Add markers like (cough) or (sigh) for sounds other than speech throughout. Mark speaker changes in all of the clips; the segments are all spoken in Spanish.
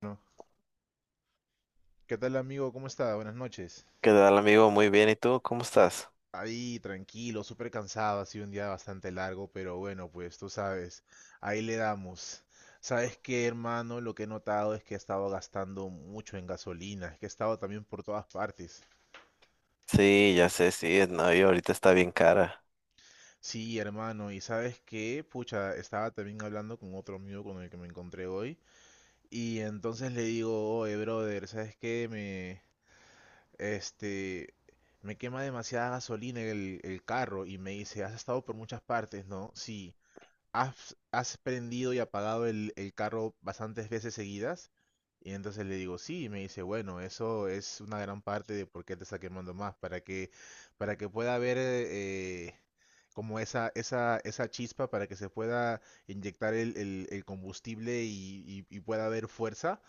Speaker 1: Bueno, ¿qué tal amigo? ¿Cómo está? Buenas noches.
Speaker 2: ¿Qué tal, amigo? Muy bien. ¿Y tú? ¿Cómo estás?
Speaker 1: Ahí, tranquilo, súper cansado, ha sido un día bastante largo, pero bueno, pues tú sabes, ahí le damos. ¿Sabes qué, hermano? Lo que he notado es que he estado gastando mucho en gasolina, es que he estado también por todas partes.
Speaker 2: Sí, ya sé, sí. No, y ahorita está bien cara.
Speaker 1: Sí, hermano, y ¿sabes qué? Pucha, estaba también hablando con otro amigo con el que me encontré hoy, y entonces le digo, oye, brother, ¿sabes qué? Este, me quema demasiada gasolina el carro y me dice, has estado por muchas partes, ¿no? Sí has prendido y apagado el carro bastantes veces seguidas. Y entonces le digo, sí, y me dice, bueno, eso es una gran parte de por qué te está quemando más, para que pueda haber como esa chispa, para que se pueda inyectar el combustible y pueda haber fuerza,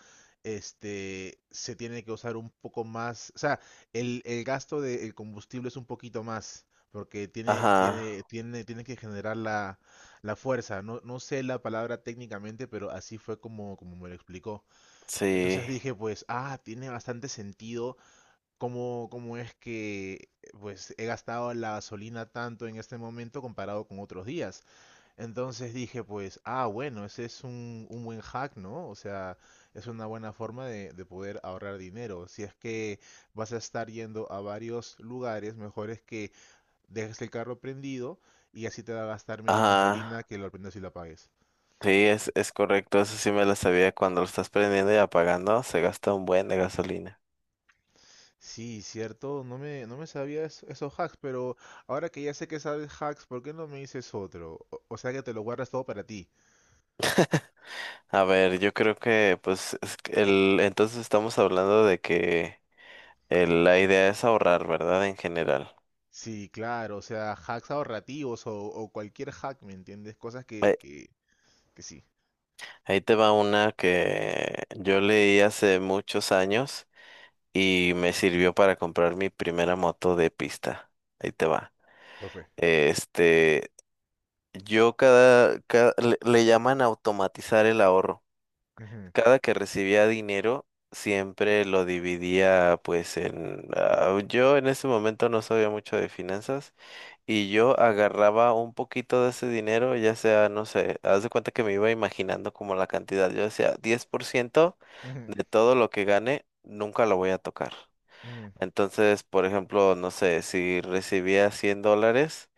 Speaker 1: se tiene que usar un poco más, o sea, el gasto del combustible es un poquito más, porque tiene,
Speaker 2: Ajá,
Speaker 1: tiene, tiene, tiene que generar la fuerza, no sé la palabra técnicamente, pero así fue como me lo explicó.
Speaker 2: sí.
Speaker 1: Entonces dije, pues, ah, tiene bastante sentido cómo es que pues he gastado la gasolina tanto en este momento comparado con otros días. Entonces dije, pues, ah, bueno, ese es un buen hack, ¿no? O sea, es una buena forma de poder ahorrar dinero. Si es que vas a estar yendo a varios lugares, mejor es que dejes el carro prendido y así te va a gastar menos
Speaker 2: Ajá.
Speaker 1: gasolina que lo prendas y la apagues.
Speaker 2: Sí, es correcto. Eso sí me lo sabía. Cuando lo estás prendiendo y apagando, se gasta un buen de gasolina.
Speaker 1: Sí, cierto, no me sabía esos hacks, pero ahora que ya sé que sabes hacks, ¿por qué no me dices otro? O sea que te lo guardas todo para ti.
Speaker 2: A ver, yo creo que, pues, es que entonces estamos hablando de que la idea es ahorrar, ¿verdad? En general.
Speaker 1: Sí, claro, o sea, hacks ahorrativos o cualquier hack, ¿me entiendes? Cosas
Speaker 2: Ahí
Speaker 1: que sí.
Speaker 2: ahí te va una que yo leí hace muchos años y me sirvió para comprar mi primera moto de pista. Ahí te va.
Speaker 1: ¿Cuál fue?
Speaker 2: Este, yo le llaman automatizar el ahorro.
Speaker 1: Ujú,
Speaker 2: Cada que recibía dinero, siempre lo dividía pues en... Ah, yo en ese momento no sabía mucho de finanzas y yo agarraba un poquito de ese dinero, ya sea, no sé, haz de cuenta que me iba imaginando como la cantidad. Yo decía, 10%
Speaker 1: ujú,
Speaker 2: de todo lo que gane, nunca lo voy a tocar.
Speaker 1: ujú,
Speaker 2: Entonces, por ejemplo, no sé, si recibía $100,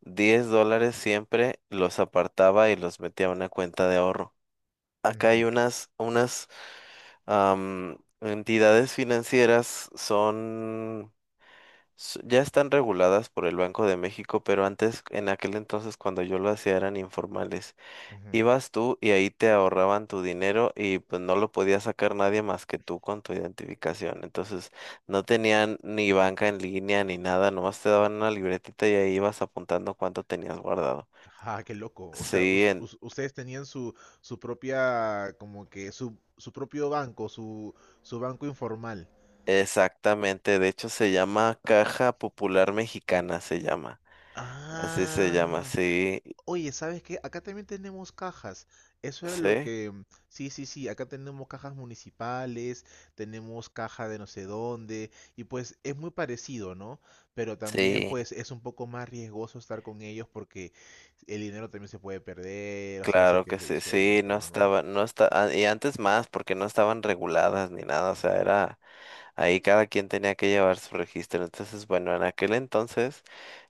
Speaker 2: $10 siempre los apartaba y los metía a una cuenta de ahorro. Acá hay
Speaker 1: ujú,
Speaker 2: unas entidades financieras, ya están reguladas por el Banco de México, pero antes, en aquel entonces, cuando yo lo hacía, eran informales.
Speaker 1: ujú.
Speaker 2: Ibas tú y ahí te ahorraban tu dinero y pues no lo podía sacar nadie más que tú con tu identificación. Entonces no tenían ni banca en línea ni nada, nomás te daban una libretita y ahí ibas apuntando cuánto tenías guardado.
Speaker 1: Ah, qué loco. O sea,
Speaker 2: Sí, en-
Speaker 1: ustedes tenían su propia, como que su propio banco, su banco informal.
Speaker 2: Exactamente. De hecho se llama Caja Popular Mexicana, se llama. Así se llama,
Speaker 1: Ah.
Speaker 2: sí,
Speaker 1: Oye, ¿sabes qué? Acá también tenemos cajas. Eso era lo
Speaker 2: sí.
Speaker 1: que Sí, acá tenemos cajas municipales, tenemos caja de no sé dónde, y pues es muy parecido, ¿no? Pero también
Speaker 2: Sí,
Speaker 1: pues es un poco más riesgoso estar con ellos porque el dinero también se puede perder, o sea, si es
Speaker 2: claro
Speaker 1: que
Speaker 2: que
Speaker 1: se
Speaker 2: sí,
Speaker 1: disuelven y
Speaker 2: sí,
Speaker 1: todo, ¿no?
Speaker 2: no está, ah, y antes más, porque no estaban reguladas ni nada, o sea, era. Ahí cada quien tenía que llevar su registro. Entonces, bueno, en aquel entonces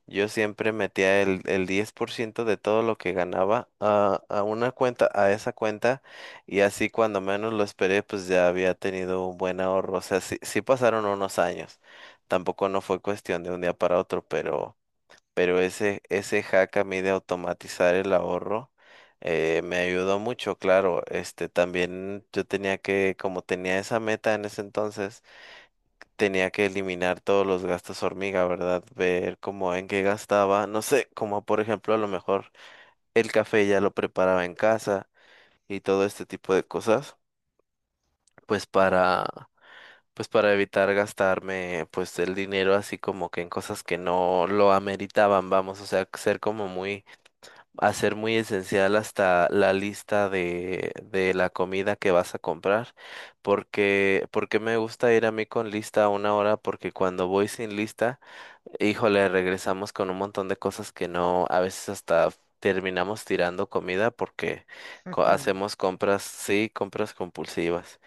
Speaker 2: yo siempre metía el 10% de todo lo que ganaba a una cuenta, a esa cuenta, y así cuando menos lo esperé, pues ya había tenido un buen ahorro. O sea, sí, sí pasaron unos años. Tampoco no fue cuestión de un día para otro, pero ese hack a mí de automatizar el ahorro me ayudó mucho, claro. Este también yo tenía que, como tenía esa meta en ese entonces, tenía que eliminar todos los gastos hormiga, ¿verdad? Ver cómo en qué gastaba, no sé, como por ejemplo a lo mejor el café ya lo preparaba en casa y todo este tipo de cosas, pues para, pues para evitar gastarme pues el dinero así como que en cosas que no lo ameritaban, vamos, o sea, ser como muy, hacer muy esencial hasta la lista de la comida que vas a comprar, porque porque me gusta ir a mí con lista a una hora, porque cuando voy sin lista, híjole, regresamos con un montón de cosas que no, a veces hasta terminamos tirando comida porque
Speaker 1: (laughs)
Speaker 2: hacemos compras, sí, compras compulsivas.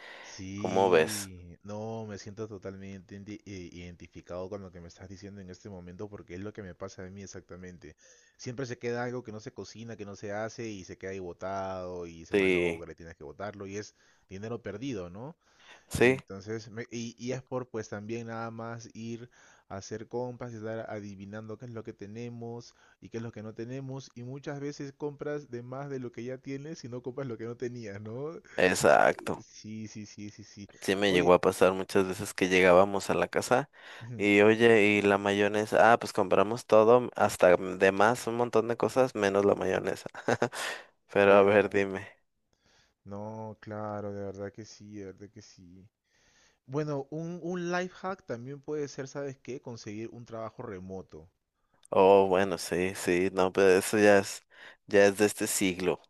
Speaker 2: ¿Cómo ves?
Speaker 1: Sí, no, me siento totalmente identificado con lo que me estás diciendo en este momento porque es lo que me pasa a mí exactamente. Siempre se queda algo que no se cocina, que no se hace y se queda ahí botado y se
Speaker 2: Sí,
Speaker 1: malogra y tienes que botarlo y es dinero perdido, ¿no?
Speaker 2: sí,
Speaker 1: Entonces, y es por pues también nada más ir a hacer compras y estar adivinando qué es lo que tenemos y qué es lo que no tenemos y muchas veces compras de más de lo que ya tienes y no compras lo que no tenías, ¿no?
Speaker 2: exacto.
Speaker 1: Sí, sí, sí, sí, sí.
Speaker 2: Sí me llegó
Speaker 1: Oye,
Speaker 2: a pasar muchas veces que llegábamos a la casa
Speaker 1: ujú,
Speaker 2: y oye, y la mayonesa, ah, pues compramos todo, hasta de más, un montón de cosas, menos la mayonesa. (laughs) Pero
Speaker 1: de
Speaker 2: a ver,
Speaker 1: verdad.
Speaker 2: dime.
Speaker 1: No, claro, de verdad que sí, de verdad que sí. Bueno, un life hack también puede ser, ¿sabes qué? Conseguir un trabajo remoto.
Speaker 2: Oh, bueno, sí, sí, no, pero eso ya es de este siglo.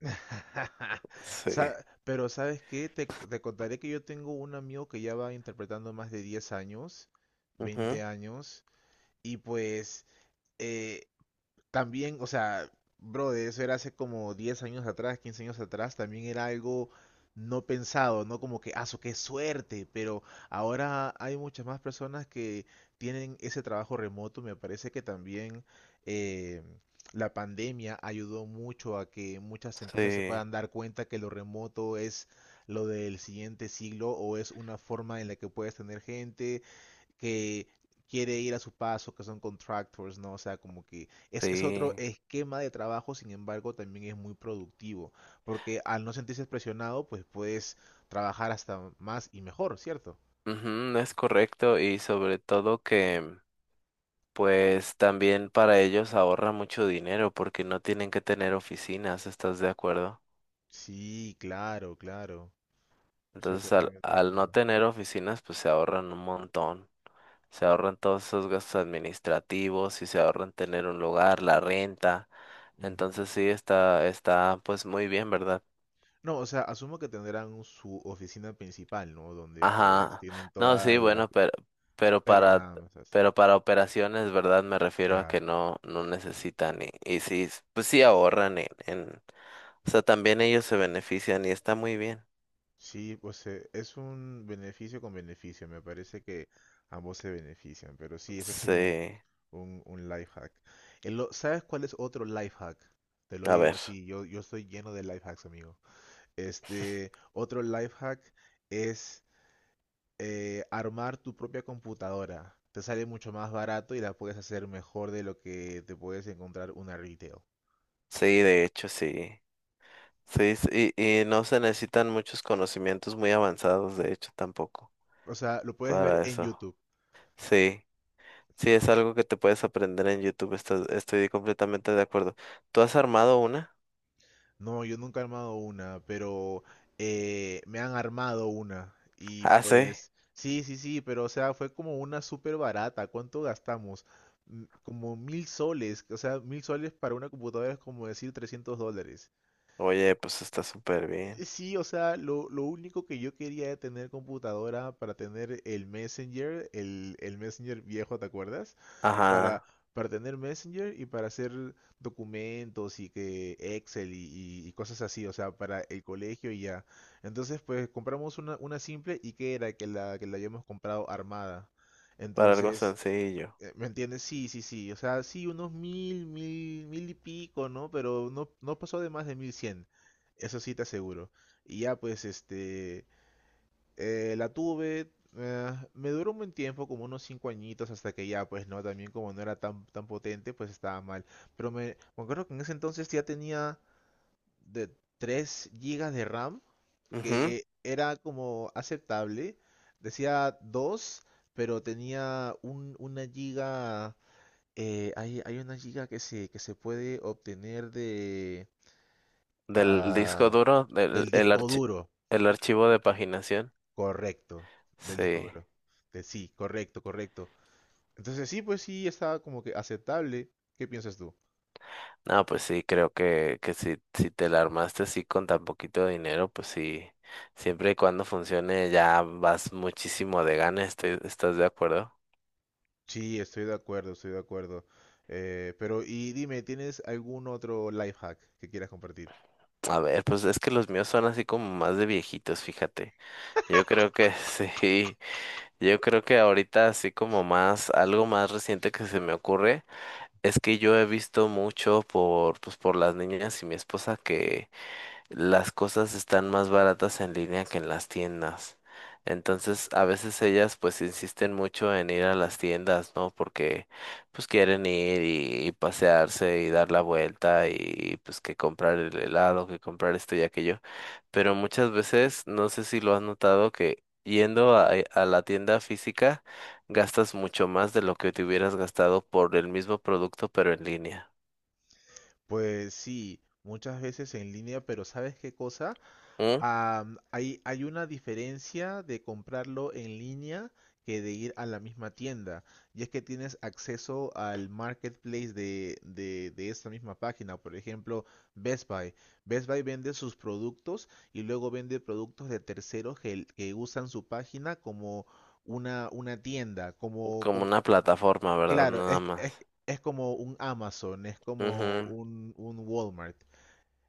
Speaker 1: (laughs) Sa-
Speaker 2: Sí.
Speaker 1: Pero ¿sabes qué? Te contaré que yo tengo un amigo que ya va interpretando más de 10 años,
Speaker 2: Ujú,
Speaker 1: 20 años, y pues eh, también, o sea, bro, de eso era hace como 10 años atrás, 15 años atrás, también era algo no pensado, no como que, ah, su qué suerte, pero ahora hay muchas más personas que tienen ese trabajo remoto. Me parece que también eh, la pandemia ayudó mucho a que muchas empresas se
Speaker 2: sí,
Speaker 1: puedan dar cuenta que lo remoto es lo del siguiente siglo o es una forma en la que puedes tener gente que quiere ir a su paso, que son contractors, ¿no? O sea, como que es otro
Speaker 2: sí,
Speaker 1: esquema de trabajo, sin embargo, también es muy productivo, porque al no sentirse presionado, pues puedes trabajar hasta más y mejor, ¿cierto?
Speaker 2: ujú, es correcto y sobre todo que pues también para ellos ahorra mucho dinero porque no tienen que tener oficinas, ¿estás de acuerdo?
Speaker 1: Sí, claro, claro. Estoy
Speaker 2: Entonces al,
Speaker 1: totalmente de
Speaker 2: al no
Speaker 1: acuerdo.
Speaker 2: tener oficinas pues se ahorran un montón, se ahorran todos esos gastos administrativos y se ahorran tener un lugar, la renta,
Speaker 1: Ujú.
Speaker 2: entonces sí está, está pues muy bien, ¿verdad?
Speaker 1: No, o sea, asumo que tendrán su oficina principal, ¿no? Donde pues
Speaker 2: Ajá.
Speaker 1: tienen
Speaker 2: No, sí,
Speaker 1: todas las...
Speaker 2: bueno, pero, pero
Speaker 1: Pero
Speaker 2: para,
Speaker 1: nada más así.
Speaker 2: pero para operaciones, ¿verdad? Me refiero a
Speaker 1: Claro.
Speaker 2: que no, no necesitan y sí, pues sí ahorran en, o sea, también ellos se benefician y está muy bien.
Speaker 1: Sí, pues es un beneficio con beneficio, me parece que ambos se benefician, pero sí, ese es
Speaker 2: Sí,
Speaker 1: un life hack. ¿Sabes cuál es otro life hack? Te lo
Speaker 2: a
Speaker 1: digo
Speaker 2: ver,
Speaker 1: así, yo estoy lleno de life hacks, amigo. Otro life hack es armar tu propia computadora. Te sale mucho más barato y la puedes hacer mejor de lo que te puedes encontrar una retail.
Speaker 2: sí, de hecho, sí. Sí, sí, y no se necesitan muchos conocimientos muy avanzados, de hecho, tampoco
Speaker 1: O sea, lo puedes ver
Speaker 2: para
Speaker 1: en
Speaker 2: eso.
Speaker 1: YouTube.
Speaker 2: Sí, sí, es algo que te puedes aprender en YouTube, estás- estoy completamente de acuerdo. ¿Tú has armado una?
Speaker 1: No, yo nunca he armado una, pero me han armado una. Y
Speaker 2: Ah, sí.
Speaker 1: pues, sí, sí, sí, pero o sea, fue como una súper barata. ¿Cuánto gastamos? Como 1000 soles. O sea, mil soles para una computadora es como decir $300.
Speaker 2: Oye, pues está súper bien.
Speaker 1: Sí, o sea, lo único que yo quería era tener computadora para tener el Messenger, el Messenger viejo, ¿te acuerdas? Para,
Speaker 2: Ajá,
Speaker 1: para tener Messenger y para hacer documentos y que Excel y cosas así, o sea, para el colegio y ya. Entonces, pues compramos una simple y que era que la habíamos comprado armada.
Speaker 2: para algo
Speaker 1: Entonces,
Speaker 2: sencillo.
Speaker 1: ¿me entiendes? Sí, sí, sí. O sea, sí, unos mil, mil, mil y pico, ¿no? Pero no, no pasó de más de 1100. Eso sí te aseguro. Y ya, pues, la tuve. Me duró un buen tiempo, como unos 5 añitos, hasta que ya, pues, no, también como no era tan potente, pues estaba mal. Pero me acuerdo que en ese entonces ya tenía de 3 gigas de RAM,
Speaker 2: Ujú,
Speaker 1: que era como aceptable. Decía 2 pero tenía 1 giga. Hay 1 giga que que se puede obtener de,
Speaker 2: del disco
Speaker 1: ah,
Speaker 2: duro,
Speaker 1: del disco duro,
Speaker 2: el archivo de paginación.
Speaker 1: correcto, del disco
Speaker 2: Sí.
Speaker 1: duro. De, sí, correcto, correcto. Entonces sí, pues sí, está como que aceptable. ¿Qué piensas tú?
Speaker 2: No, pues sí, creo que si, si te la armaste así con tan poquito dinero, pues sí, siempre y cuando funcione ya vas muchísimo de gana, estoy- ¿estás de acuerdo?
Speaker 1: Sí, estoy de acuerdo, estoy de acuerdo. Pero y dime, ¿tienes algún otro life hack que quieras compartir?
Speaker 2: A ver, pues es que los míos son así como más de viejitos, fíjate. Yo creo que (laughs) sí, yo creo que ahorita así como más, algo más reciente que se me ocurre. Es que yo he visto mucho por, pues, por las niñas y mi esposa que, las cosas están más baratas en línea que en las tiendas. Entonces, a veces ellas pues insisten mucho en ir a las tiendas, ¿no? Porque pues quieren ir y pasearse y dar la vuelta y pues que comprar el helado, que comprar esto y aquello. Pero muchas veces, no sé si lo has notado, que yendo a la tienda física gastas mucho más de lo que te hubieras gastado por el mismo producto, pero en línea.
Speaker 1: Pues sí, muchas veces en línea, pero ¿sabes qué cosa?
Speaker 2: ¿Mm?
Speaker 1: Hay una diferencia de comprarlo en línea que de ir a la misma tienda. Y es que tienes acceso al marketplace de esta misma página. Por ejemplo, Best Buy. Best Buy vende sus productos y luego vende productos de terceros que usan su página como una tienda.
Speaker 2: Como una plataforma, ¿verdad?
Speaker 1: Claro,
Speaker 2: Nada más.
Speaker 1: es como un Amazon, es como
Speaker 2: Ujú.
Speaker 1: un Walmart.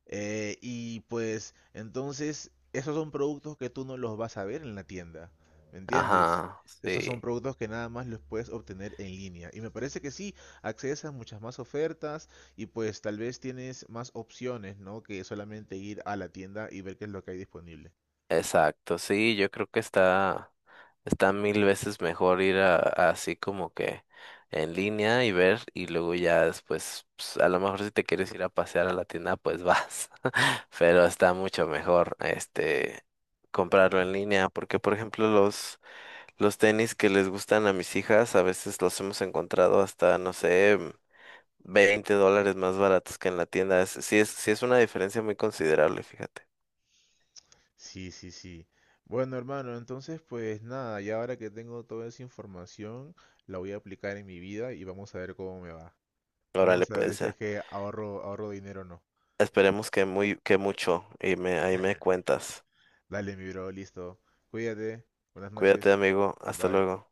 Speaker 1: Y pues entonces esos son productos que tú no los vas a ver en la tienda, ¿me entiendes?
Speaker 2: Ajá, sí,
Speaker 1: Esos son productos que nada más los puedes obtener en línea. Y me parece que sí, accedes a muchas más ofertas y pues tal vez tienes más opciones, ¿no? Que solamente ir a la tienda y ver qué es lo que hay disponible.
Speaker 2: exacto, sí, yo creo que está, está mil veces mejor ir a así como que en línea y ver y luego ya después, pues, a lo mejor si te quieres ir a pasear a la tienda, pues vas, (laughs) pero está mucho mejor, este, comprarlo en línea, porque por ejemplo los tenis que les gustan a mis hijas, a veces los hemos encontrado hasta, no sé, $20 más baratos que en la tienda, es, sí es, sí es una diferencia muy considerable, fíjate.
Speaker 1: Sí, sí, sí. Bueno, hermano, entonces pues nada, ya ahora que tengo toda esa información, la voy a aplicar en mi vida y vamos a ver cómo me va.
Speaker 2: Órale,
Speaker 1: Vamos a ver
Speaker 2: pues,
Speaker 1: si es que ahorro dinero o no.
Speaker 2: esperemos que muy, que mucho y me, ahí me
Speaker 1: (laughs)
Speaker 2: cuentas.
Speaker 1: Dale, mi bro, listo. Cuídate. Buenas
Speaker 2: Cuídate,
Speaker 1: noches.
Speaker 2: amigo. Hasta
Speaker 1: Bye.
Speaker 2: luego.